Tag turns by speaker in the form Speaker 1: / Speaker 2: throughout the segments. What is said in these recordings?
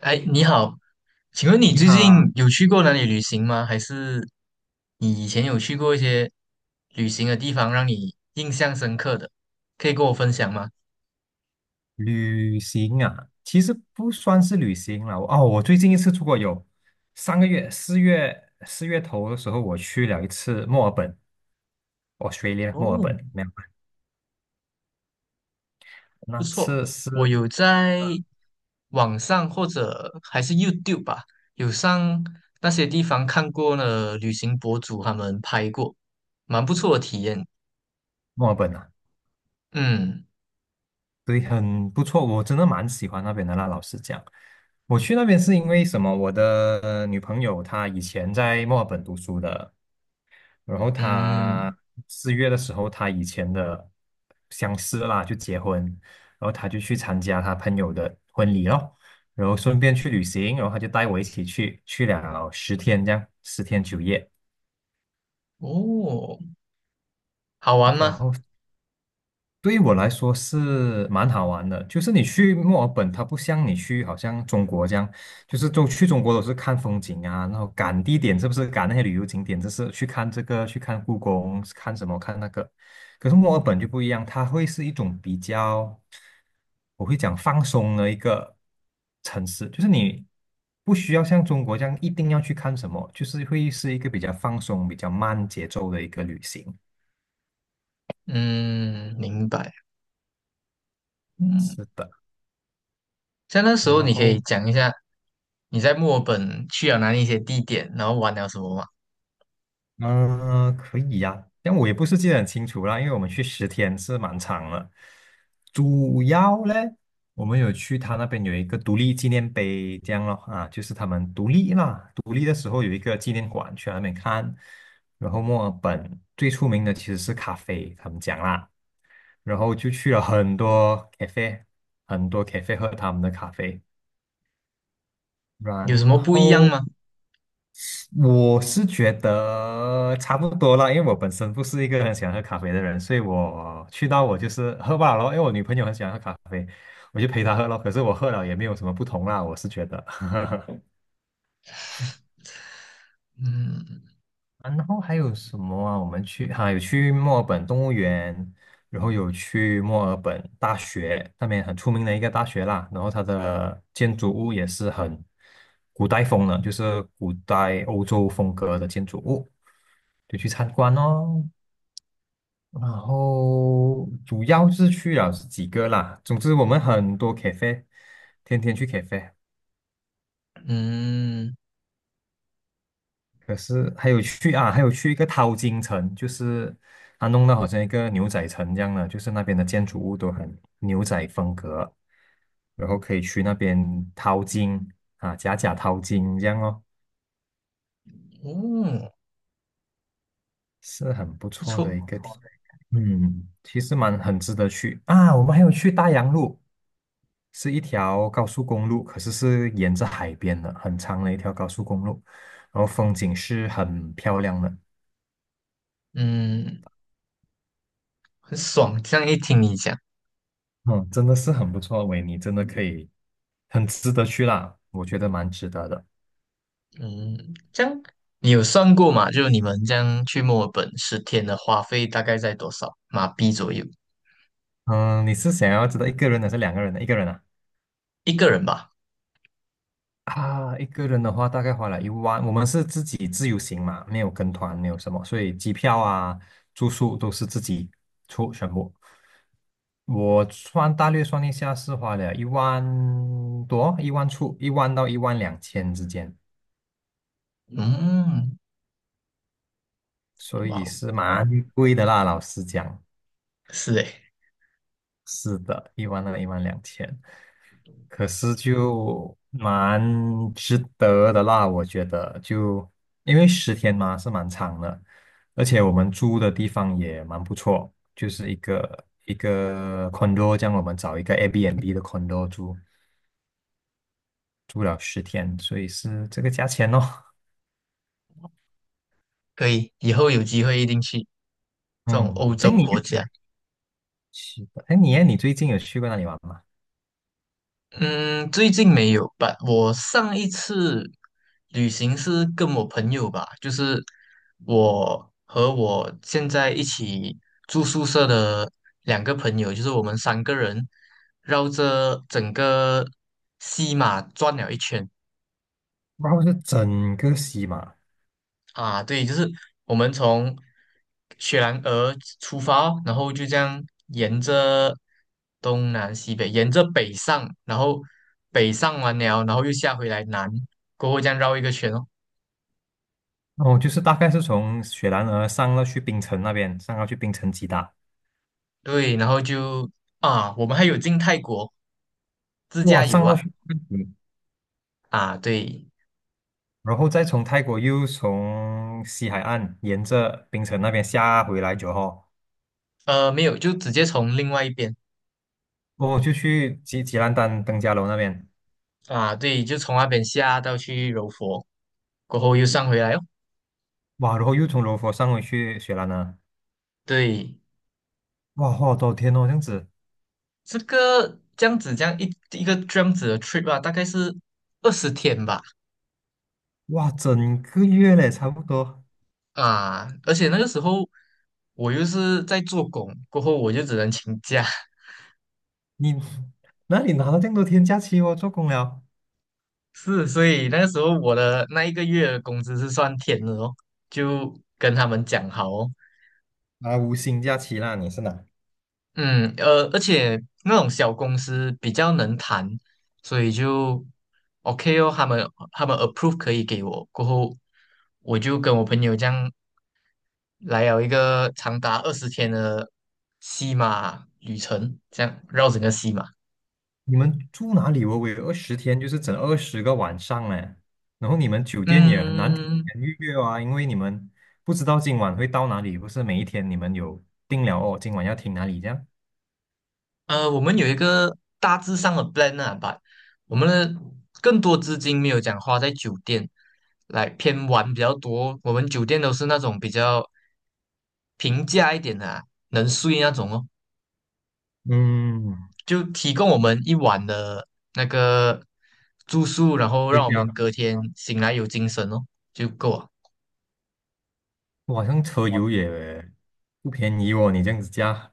Speaker 1: 哎，你好，请问你
Speaker 2: 你
Speaker 1: 最近
Speaker 2: 好。
Speaker 1: 有去过哪里旅行吗？还是你以前有去过一些旅行的地方，让你印象深刻的，可以跟我分享吗？
Speaker 2: 旅行啊，其实不算是旅行了。哦，我最近一次出国有3个月，四月头的时候，我去了一次墨尔本，Australia 墨尔
Speaker 1: 哦，
Speaker 2: 本。没有，
Speaker 1: 不
Speaker 2: 那
Speaker 1: 错，
Speaker 2: 次是
Speaker 1: 我有在
Speaker 2: 嗯
Speaker 1: 网上或者还是 YouTube 吧，有上那些地方看过呢，旅行博主他们拍过，蛮不错的体验。
Speaker 2: 墨尔本啊，
Speaker 1: 嗯
Speaker 2: 对，很不错，我真的蛮喜欢那边的啦。老实讲，我去那边是因为什么？我的女朋友她以前在墨尔本读书的，然后
Speaker 1: 嗯，
Speaker 2: 他四月的时候，他以前的相识啦，就结婚，然后他就去参加他朋友的婚礼咯，然后顺便去旅行，然后他就带我一起去，去了十天这样，10天9夜。
Speaker 1: 哦，好玩
Speaker 2: 然
Speaker 1: 吗？
Speaker 2: 后对于我来说是蛮好玩的，就是你去墨尔本，它不像你去好像中国这样，就是都去中国都是看风景啊，然后赶地点是不是赶那些旅游景点，就是去看这个，去看故宫，看什么看那个。可是墨尔本就不一样，它会是一种比较，我会讲放松的一个城市，就是你不需要像中国这样一定要去看什么，就是会是一个比较放松、比较慢节奏的一个旅行。
Speaker 1: 嗯，明白。嗯。
Speaker 2: 是的。
Speaker 1: 在那时
Speaker 2: 然
Speaker 1: 候，你可
Speaker 2: 后
Speaker 1: 以讲一下你在墨尔本去了哪里一些地点，然后玩了什么吗？
Speaker 2: 嗯、可以呀，但我也不是记得很清楚啦，因为我们去十天是蛮长了。主要嘞，我们有去他那边有一个独立纪念碑，这样咯啊，就是他们独立啦，独立的时候有一个纪念馆去那边看。然后墨尔本最出名的其实是咖啡，他们讲啦，然后就去了很多咖啡，很多咖啡 喝他们的咖啡，
Speaker 1: 有什
Speaker 2: 然
Speaker 1: 么不一样
Speaker 2: 后。
Speaker 1: 吗？
Speaker 2: 我是觉得差不多了，因为我本身不是一个很喜欢喝咖啡的人，所以我去到我就是喝罢了咯，因为我女朋友很喜欢喝咖啡，我就陪她喝咯。可是我喝了也没有什么不同啦，我是觉得。
Speaker 1: 嗯
Speaker 2: 啊然后还有什么啊？我们有去墨尔本动物园，然后有去墨尔本大学，那边很出名的一个大学啦。然后它的建筑物也是很古代风的，就是古代欧洲风格的建筑物，就去参观哦。然后主要是去了是几个啦，总之我们很多 cafe，天天去 cafe，
Speaker 1: 嗯，
Speaker 2: 可是还有去啊，还有去一个淘金城，就是它弄得好像一个牛仔城一样的，就是那边的建筑物都很牛仔风格，然后可以去那边淘金啊，假假淘金这样哦，
Speaker 1: 哦，
Speaker 2: 是很不
Speaker 1: 不
Speaker 2: 错
Speaker 1: 错，
Speaker 2: 的一个体。嗯，其实蛮很值得去啊，我们还有去大洋路。是一条高速公路，可是是沿着海边的，很长的一条高速公路，然后风景是很漂亮的。
Speaker 1: 嗯，很爽。这样一听你讲，
Speaker 2: 嗯，真的是很不错，维尼真的可以，很值得去啦，我觉得蛮值得的。
Speaker 1: 嗯，这样你有算过吗？就是你们这样去墨尔本十天的花费大概在多少马币左右？
Speaker 2: 嗯，你是想要知道一个人的还是两个人的？一个人啊？
Speaker 1: 一个人吧？
Speaker 2: 啊，一个人的话大概花了一万。我们是自己自由行嘛，没有跟团，没有什么，所以机票啊、住宿都是自己出全部。大略算一下，是花了一万多，一万出，一万到一万两千之间，
Speaker 1: 嗯，
Speaker 2: 所
Speaker 1: 哇
Speaker 2: 以是
Speaker 1: 哦，
Speaker 2: 蛮贵的啦。老实讲，
Speaker 1: 是诶，
Speaker 2: 是的，1万2、一万两千，可是就蛮值得的啦，我觉得就因为十天嘛是蛮长的，而且我们住的地方也蛮不错，就是一个一个 condo，这样我们找一个 Airbnb 的 condo 住，住了十天，所以是这个价钱哦。
Speaker 1: 可以，以后有机会一定去这种
Speaker 2: 嗯，
Speaker 1: 欧
Speaker 2: 这
Speaker 1: 洲
Speaker 2: 样你
Speaker 1: 国家。
Speaker 2: 是的。哎你最近有去过哪里玩吗？
Speaker 1: 嗯，最近没有吧？我上一次旅行是跟我朋友吧，就是我和我现在一起住宿舍的两个朋友，就是我们三个人绕着整个西马转了一圈。
Speaker 2: 然后是整个西马。
Speaker 1: 啊，对，就是我们从雪兰莪出发，然后就这样沿着东南西北，沿着北上，然后北上完了，然后又下回来南，过后这样绕一个圈哦。
Speaker 2: 哦，就是大概是从雪兰莪上到去槟城那边，上到去槟城吉打。
Speaker 1: 对，然后就我们还有进泰国自
Speaker 2: 哇，
Speaker 1: 驾游
Speaker 2: 上到
Speaker 1: 啊
Speaker 2: 去泰国。
Speaker 1: 啊，对，
Speaker 2: 然后再从泰国又从西海岸沿着槟城那边下回来酒后。
Speaker 1: 没有，就直接从另外一边
Speaker 2: 哦，就去吉兰丹登嘉楼那边。
Speaker 1: 啊，对，就从那边下到去柔佛，过后又上回来哦。
Speaker 2: 哇，然后又从罗佛上回去雪兰莪。
Speaker 1: 对，
Speaker 2: 哇，好多天哦，这样子。
Speaker 1: 这个这样子，这样一个这样子的 trip 啊，大概是20天吧，
Speaker 2: 哇，整个月嘞，差不多。
Speaker 1: 啊，而且那个时候我又是在做工，过后我就只能请假，
Speaker 2: 你 那你拿了这么多天假期哦？做工了。
Speaker 1: 是，所以那个时候我的那一个月的工资是算天的哦，就跟他们讲好哦，
Speaker 2: 啊，无薪假期啦，你是哪？
Speaker 1: 嗯，而且那种小公司比较能谈，所以就 OK 哦，他们 approve 可以给我，过后我就跟我朋友这样来有一个长达二十天的西马旅程，这样绕整个西马。
Speaker 2: 你们住哪里？我有二十天，就是整二十个晚上哎。然后你们酒店也很难提
Speaker 1: 嗯，
Speaker 2: 前预约啊，因为你们不知道今晚会到哪里，不是每一天你们有定了哦，今晚要停哪里这样。
Speaker 1: 我们有一个大致上的 plan 啊吧，我们的更多资金没有讲花在酒店，来偏玩比较多。我们酒店都是那种比较平价一点的啊能睡那种哦，
Speaker 2: 嗯，
Speaker 1: 就提供我们一晚的那个住宿，然后让
Speaker 2: 对
Speaker 1: 我
Speaker 2: 呀，
Speaker 1: 们隔天醒来有精神哦，就够了。
Speaker 2: 晚上车油也不便宜哦，你这样子加。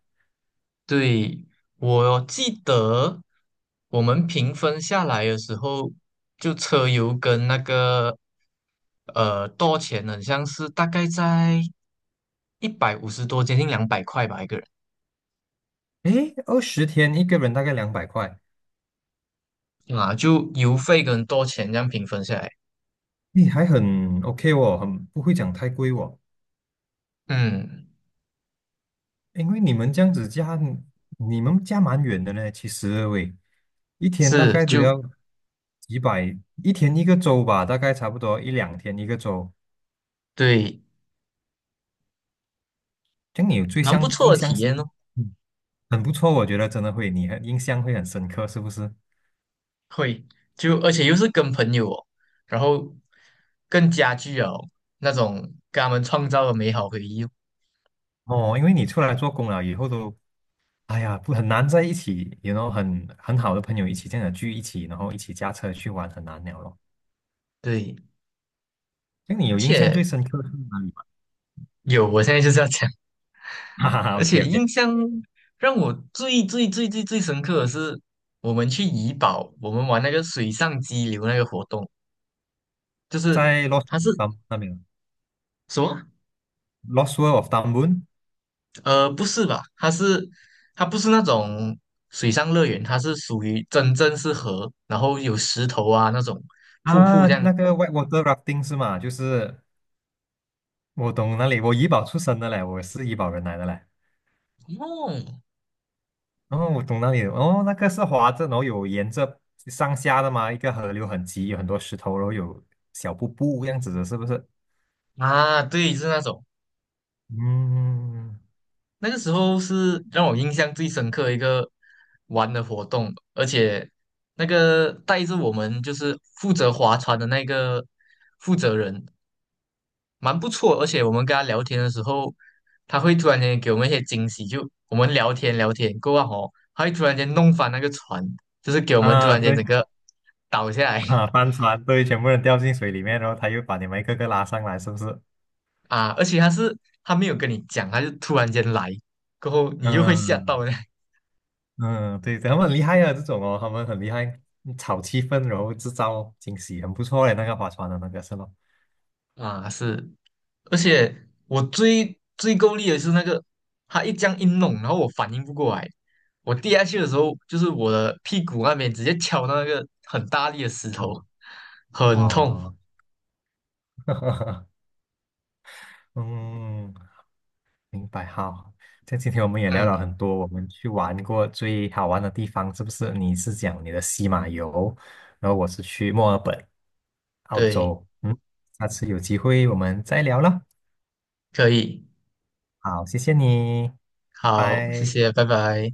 Speaker 1: 对，我记得我们平分下来的时候，就车油跟那个多钱呢，很像是大概在150多，接近200块吧一个
Speaker 2: 诶，二十天一个人大概200块，
Speaker 1: 人啊，就油费跟多钱这样平分下来，
Speaker 2: 你还很 OK 哦，很不会讲太贵哦。
Speaker 1: 嗯，
Speaker 2: 因为你们这样子加，你们加蛮远的呢。其实喂，一天大
Speaker 1: 是
Speaker 2: 概都
Speaker 1: 就
Speaker 2: 要几百，一天一个周吧，大概差不多一两天一个周。
Speaker 1: 对，
Speaker 2: 这样你有最
Speaker 1: 蛮不
Speaker 2: 相
Speaker 1: 错
Speaker 2: 印
Speaker 1: 的
Speaker 2: 象
Speaker 1: 体
Speaker 2: 是。
Speaker 1: 验哦，
Speaker 2: 嗯，很不错，我觉得真的会，你很印象会很深刻，是不是？
Speaker 1: 会就而且又是跟朋友哦，然后更加具有那种跟他们创造的美好回忆哦，
Speaker 2: 哦，因为你出来做工了以后都，哎呀，不很难在一起，然后很好的朋友一起这样的聚一起，然后一起驾车去玩，很难了咯。
Speaker 1: 对。
Speaker 2: 这样你
Speaker 1: 而
Speaker 2: 有印象
Speaker 1: 且
Speaker 2: 最深刻是哪里吗？
Speaker 1: 有，我现在就是要讲，
Speaker 2: 哈哈哈
Speaker 1: 而且
Speaker 2: ，OK OK。
Speaker 1: 印象让我最最最最最深刻的是，我们去怡保，我们玩那个水上激流那个活动，就是
Speaker 2: 在洛杉
Speaker 1: 它是
Speaker 2: 矶那边。
Speaker 1: 什么？
Speaker 2: Lost World of d u n b o n
Speaker 1: 不是吧？它是它不是那种水上乐园，它是属于真正是河，然后有石头啊那种瀑布
Speaker 2: 啊，
Speaker 1: 这样。
Speaker 2: 那个 whitewater rafting 是吗？就是我懂那里，我怡保出生的嘞，我是怡保人来的嘞。
Speaker 1: 哦，
Speaker 2: 然后我懂那里，哦，那个是滑着，然后有沿着上下的嘛，一个河流很急，有很多石头，然后有小瀑布这样子的，是不是？
Speaker 1: 啊，对，是那种。
Speaker 2: 嗯，
Speaker 1: 那个时候是让我印象最深刻的一个玩的活动，而且那个带着我们就是负责划船的那个负责人蛮不错，而且我们跟他聊天的时候，他会突然间给我们一些惊喜，就我们聊天聊天过后哦，他会突然间弄翻那个船，就是给我们突
Speaker 2: 啊，
Speaker 1: 然间整
Speaker 2: 对
Speaker 1: 个倒下来
Speaker 2: 啊，帆船，对，全部人掉进水里面，然后他又把你们一个个拉上来，是不是？
Speaker 1: 啊，而且他没有跟你讲，他就突然间来，过后你就会吓到
Speaker 2: 嗯。
Speaker 1: 的
Speaker 2: 嗯，对，他们很厉害啊，这种哦，他们很厉害，炒气氛，然后制造惊喜，很不错嘞。那个划船的那个是吧？
Speaker 1: 啊，是。而且我最最够力的是那个，他一这样一弄，然后我反应不过来，我跌下去的时候，就是我的屁股那边直接敲到那个很大力的石
Speaker 2: 好。
Speaker 1: 头，很痛。
Speaker 2: 哇，嗯，明白。好，像今天我们也聊
Speaker 1: 嗯，
Speaker 2: 了很多，我们去玩过最好玩的地方，是不是？你是讲你的西马游，然后我是去墨尔本，澳
Speaker 1: 对，
Speaker 2: 洲。嗯，下次有机会我们再聊了。
Speaker 1: 可以，
Speaker 2: 好，谢谢你，拜
Speaker 1: 好，谢
Speaker 2: 拜。
Speaker 1: 谢，拜拜。